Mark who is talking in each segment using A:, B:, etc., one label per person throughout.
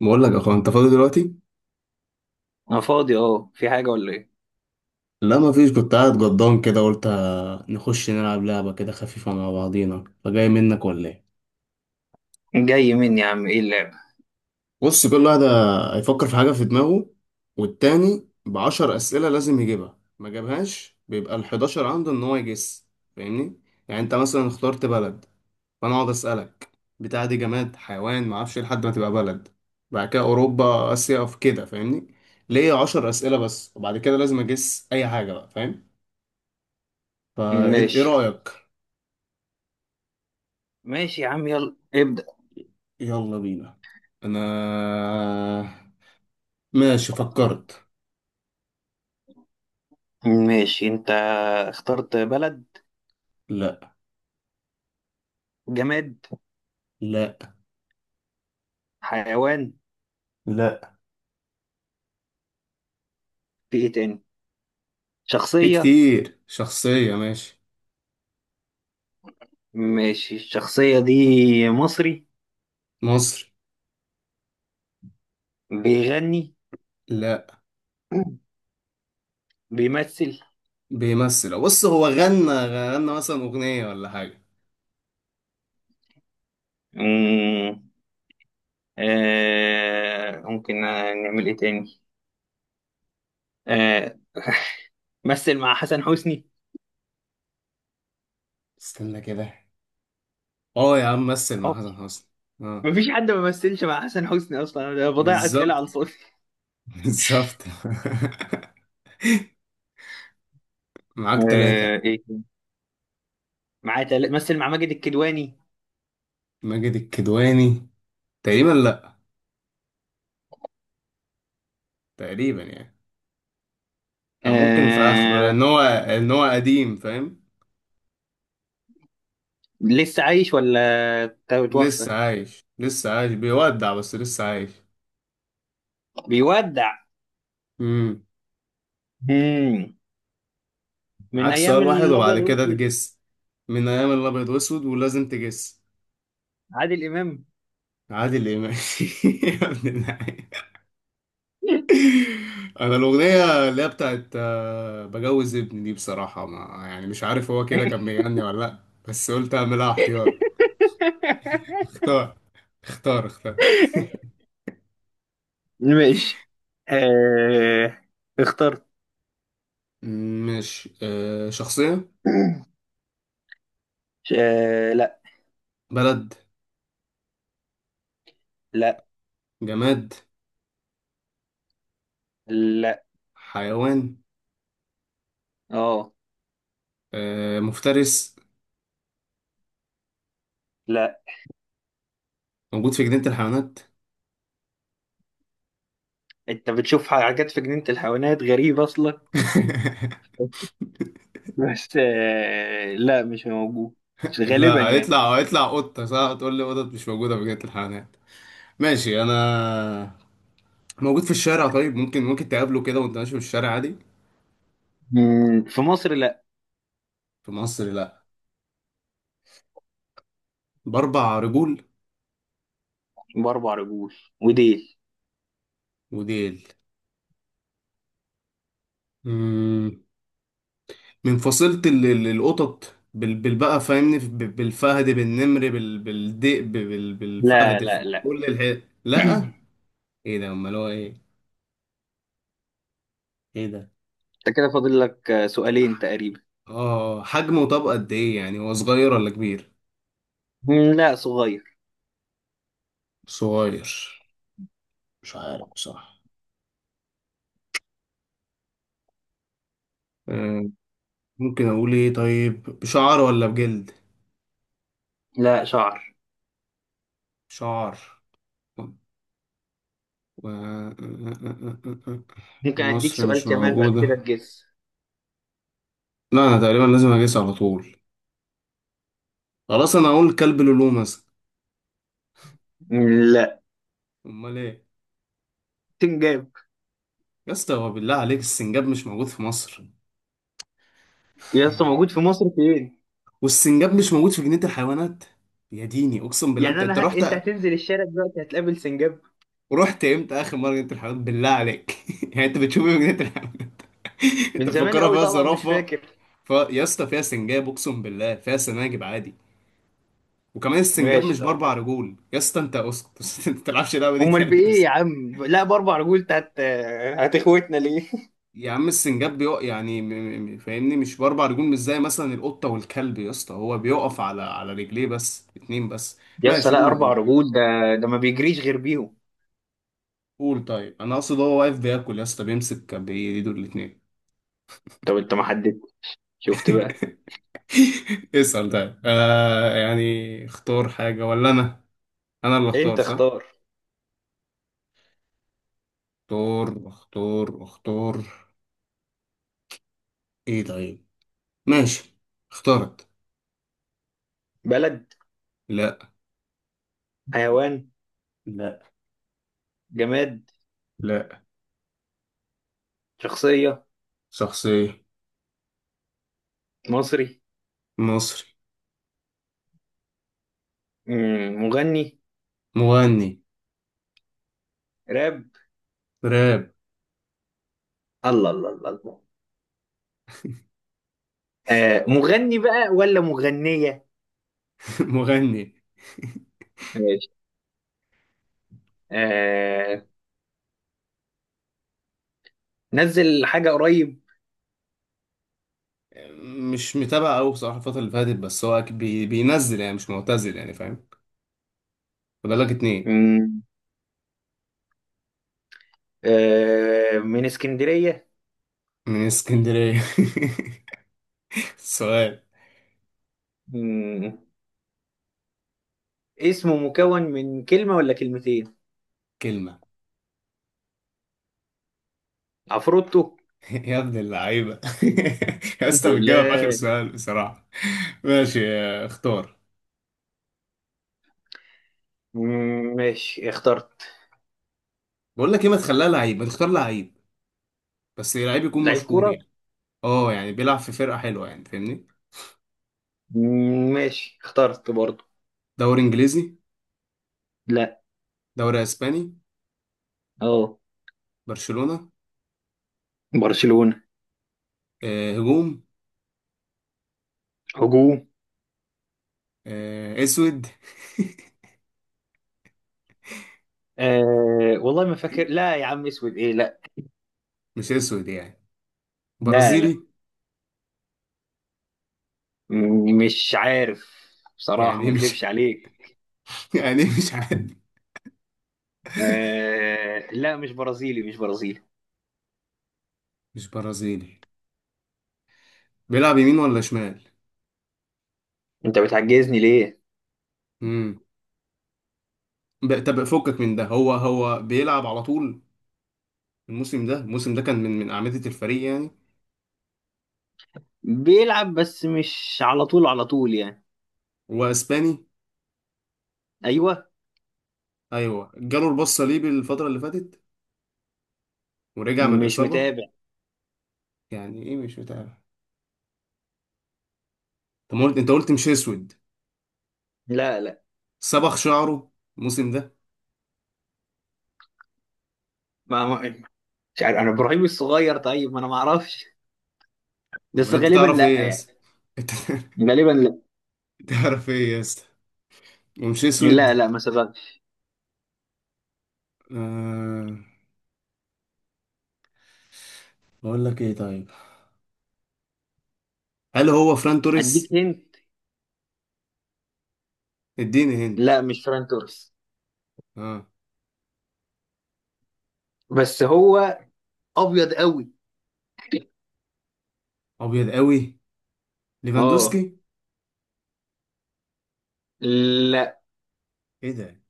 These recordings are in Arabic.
A: بقول لك يا اخويا، انت فاضي دلوقتي؟
B: انا فاضي، اه، في حاجة ولا ايه؟
A: لا مفيش، كنت قاعد جضان كده قلت نخش نلعب لعبة كده خفيفة مع بعضينا، فجاي منك ولا ايه؟
B: جاي مني يا عم، ايه اللعبة؟
A: بص، كل واحد هيفكر في حاجة في دماغه، والتاني ب10 أسئلة لازم يجيبها، ما جابهاش بيبقى الحداشر عنده ان هو يجس. فاهمني؟ يعني انت مثلا اخترت بلد، فانا اقعد أسألك بتاع دي جماد، حيوان، معرفش إيه، لحد ما تبقى بلد. بعد كده أوروبا، آسيا، في كده فاهمني؟ ليه 10 أسئلة بس، وبعد كده لازم أجس أي حاجة بقى، فاهم؟ فايه إيه
B: ماشي،
A: رأيك؟
B: ماشي يا عم، يلا ابدأ.
A: يلا بينا. انا ماشي، فكرت.
B: ماشي، انت اخترت؟ بلد؟
A: لا.
B: جماد؟
A: لا.
B: حيوان؟
A: لا.
B: في ايه تاني؟
A: في
B: شخصية؟
A: كتير، شخصية. ماشي.
B: ماشي، الشخصية دي مصري؟
A: مصري.
B: بيغني؟
A: لا.
B: بيمثل؟
A: بيمثل. بص هو غنى مثلا أغنية ولا حاجة.
B: مم. آه، ممكن نعمل ايه تاني؟ آه. مثل مع حسن حسني.
A: استنى كده. اه يا عم، مثل مع
B: اه،
A: حسن حسني. اه.
B: مفيش حد ما مثلش مع حسن حسني اصلا، انا بضيع اسئله على
A: بالظبط.
B: الفاضي.
A: بالظبط. معاك ثلاثة.
B: آه، ايه؟ معاه مثل مع ماجد الكدواني.
A: ماجد الكدواني، تقريبا لا، تقريبا يعني. أو ممكن في آخره،
B: آه...
A: لأن هو قديم فاهم.
B: لسه عايش ولا؟ توفى؟
A: لسه عايش، لسه عايش، بيودع بس لسه عايش.
B: بيودع؟
A: امم
B: مم. من
A: معاك
B: ايام
A: سؤال واحد وبعد
B: الابيض
A: كده
B: واسود؟
A: تجس. من ايام الابيض واسود ولازم تجس.
B: عادل امام.
A: عادل امام. يا ابن اللعيبه. انا الاغنيه اللي هي بتاعت بجوز ابني دي بصراحه، ما يعني مش عارف هو كده كان بيغني ولا لا، بس قلت اعملها احتياط. اختار. اختار اختار.
B: ماشي، آه... اخترت.
A: مش شخصيه.
B: لا.
A: بلد.
B: لا،
A: جماد.
B: لا،
A: حيوان.
B: اه،
A: مفترس؟
B: لا،
A: موجود في جنينه الحيوانات؟
B: انت بتشوف حاجات في جنينة الحيوانات غريبة اصلا. بس، لا مش موجود، غالبا
A: لا،
B: يعني.
A: هيطلع قطة صح، تقول لي قطط مش موجودة في جنينة الحيوانات؟ ماشي أنا. موجود في الشارع؟ طيب ممكن تقابله كده وأنت ماشي في الشارع عادي.
B: مم. في مصر لا.
A: في مصر لا. بأربع رجول.
B: باربع رجول. وديل.
A: وديل. مم. من فصيلة القطط، بالبقى فاهمني، بالفهد، بالنمر، بالذئب،
B: لا،
A: بالفهد، في
B: لا، لا.
A: كل الحي لا. ايه ده، امال هو ايه؟ ايه ده؟
B: انت كده فاضل لك سؤالين تقريبا.
A: اه حجمه، طب قد ايه يعني، هو صغير ولا كبير؟
B: مم، لا، صغير.
A: صغير؟ مش عارف صح. آه، ممكن اقول ايه طيب، بشعر ولا بجلد؟
B: لا، شعر.
A: شعر. و...
B: ممكن اديك
A: مصر
B: سؤال
A: مش
B: كمان بعد
A: موجودة.
B: كده تجس.
A: لا انا تقريبا لازم اجيس على طول. خلاص انا اقول كلب لولو مثلا.
B: مم، لا.
A: امال ايه؟
B: سنجاب.
A: يا اسطى هو بالله عليك السنجاب مش موجود في مصر؟
B: يا اسطى، موجود في مصر فين؟
A: والسنجاب مش موجود في جنينة الحيوانات؟ يا ديني اقسم بالله، انت
B: يعني
A: انت
B: انا
A: رحت،
B: انت هتنزل الشارع دلوقتي هتقابل سنجاب؟
A: امتى اخر مرة جنينة الحيوانات بالله عليك؟ يعني انت بتشوف ايه في جنينة الحيوانات؟ انت
B: من زمان
A: مفكرها
B: قوي،
A: فيها
B: طبعا مش
A: زرافة.
B: فاكر.
A: يا اسطى فيها سنجاب، اقسم بالله فيها سناجب عادي. وكمان السنجاب
B: ماشي،
A: مش باربع
B: طيب.
A: رجول يا اسطى، انت اسكت. ما تلعبش اللعبه دي
B: امال
A: تاني يا
B: بايه يا
A: اسطى.
B: عم؟ لا، باربع رجول تحت. هتخوتنا ليه؟
A: يا عم السنجاب بيقف يعني فاهمني، مش باربع رجول، مش زي مثلا القطه والكلب يا اسطى، هو بيقف على رجليه بس اتنين بس.
B: يا اسطى،
A: ماشي.
B: لا،
A: قول
B: اربع
A: قول.
B: رجول ده. ده ما بيجريش غير بيهم.
A: قول طيب انا اقصد هو واقف بياكل يا اسطى، بيمسك بايده الاتنين.
B: طب انت ما حددت. شفت بقى.
A: اسال طيب، يعني اختار حاجه ولا انا؟ انا اللي اختار
B: انت
A: صح؟
B: اختار.
A: اختار اختار اختار. ايه طيب. ماشي. اخترت.
B: بلد؟
A: لا.
B: حيوان؟
A: لا.
B: جماد؟
A: لا.
B: شخصية؟
A: شخصية.
B: مصري؟
A: مصري.
B: مم، مغني؟
A: مغني.
B: راب؟
A: راب.
B: الله الله الله الله. آه، مغني بقى ولا مغنية؟
A: مغني.
B: ماشي. آه. نزل حاجة قريب؟
A: مش متابع أوي بصراحة الفترة اللي فاتت، بس هو أكيد بينزل يعني، مش معتزل يعني فاهم. فاضل لك اتنين.
B: مم. آه، من اسكندرية؟
A: من اسكندرية. سؤال.
B: مم. اسمه مكون من كلمة ولا كلمتين؟
A: كلمة.
B: عفروتو.
A: يا ابن اللعيبة. يا اسطى بتجاوب في آخر
B: بالله.
A: سؤال بصراحة. ماشي، اختار.
B: مم، ماشي، اخترت.
A: بقول لك ايه، ما تخليها لعيب، ما تختار لعيب، بس لعيب يكون
B: لعيب
A: مشهور
B: كرة؟
A: يعني. اه يعني بيلعب في فرقة حلوة يعني فاهمني.
B: مم، ماشي، اخترت برضه.
A: دوري انجليزي.
B: لا.
A: دوري اسباني.
B: اه.
A: برشلونة.
B: برشلونة؟
A: هجوم.
B: هجوم؟
A: اسود.
B: آه، والله ما فاكر، لا يا عم اسود ايه؟ لا.
A: مش اسود يعني.
B: لا، لا،
A: برازيلي.
B: مش عارف، بصراحة
A: يعني
B: ما
A: إيه مش؟
B: اكدبش عليك.
A: يعني إيه مش عارف؟
B: آه، لا مش برازيلي، مش برازيلي.
A: مش برازيلي. بيلعب يمين ولا شمال؟
B: انت بتعجزني ليه؟
A: امم طب فكك من ده، هو بيلعب على طول. الموسم ده كان من أعمدة الفريق يعني.
B: بيلعب، بس مش على طول على طول يعني.
A: واسباني.
B: ايوه.
A: ايوه جاله البص صليبي الفترة اللي فاتت ورجع من
B: مش
A: الإصابة.
B: متابع.
A: يعني ايه مش متابع؟ طب ما قلت انت قلت مش اسود.
B: لا، لا،
A: صبغ شعره الموسم ده.
B: ما مش عارف انا، ابراهيم الصغير، طيب ما انا ما اعرفش،
A: امال
B: بس
A: انت
B: غالبا
A: تعرف
B: لا
A: ايه يا اسطى.
B: يعني.
A: انت
B: غالبا لا.
A: تعرف ايه يا اسطى. ومش اسود.
B: لا، لا ما سبقش.
A: آه. بقول لك ايه طيب، هل هو فران
B: اديك
A: توريس؟
B: هنت.
A: اديني هند.
B: لا مش فران توريس.
A: اه.
B: بس هو ابيض قوي.
A: ابيض قوي.
B: اه.
A: ليفاندوسكي.
B: لا.
A: ايه ده،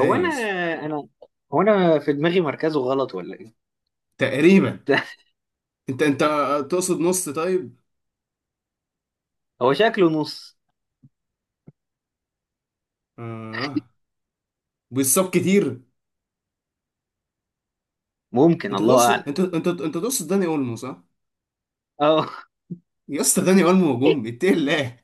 B: هو
A: يا
B: انا
A: اسطى؟
B: انا هو انا في دماغي مركزه غلط ولا إيه؟
A: تقريبا. انت تقصد نص طيب.
B: هو شكله نص.
A: اه. بيصاب كتير.
B: ممكن،
A: انت
B: الله
A: تقصد
B: اعلم.
A: انت تقصد داني اولمو صح.
B: اه.
A: يا اسطى داني اولمو هجوم، اتقي الله.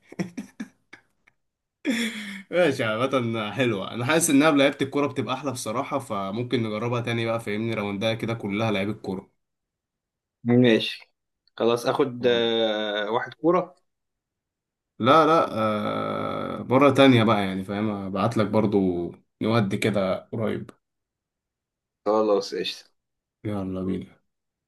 A: ماشي، عامة حلوة، انا حاسس انها بلعيبة الكورة بتبقى احلى بصراحة، فممكن نجربها تاني بقى فاهمني، راوندها كده كلها لعيبة كورة.
B: ماشي. خلاص اخد واحد كورة.
A: لا لا، مرة تانية بقى يعني فاهم، ابعت لك برضو نودي كده قريب.
B: خلاص، قشطة.
A: يلا بينا.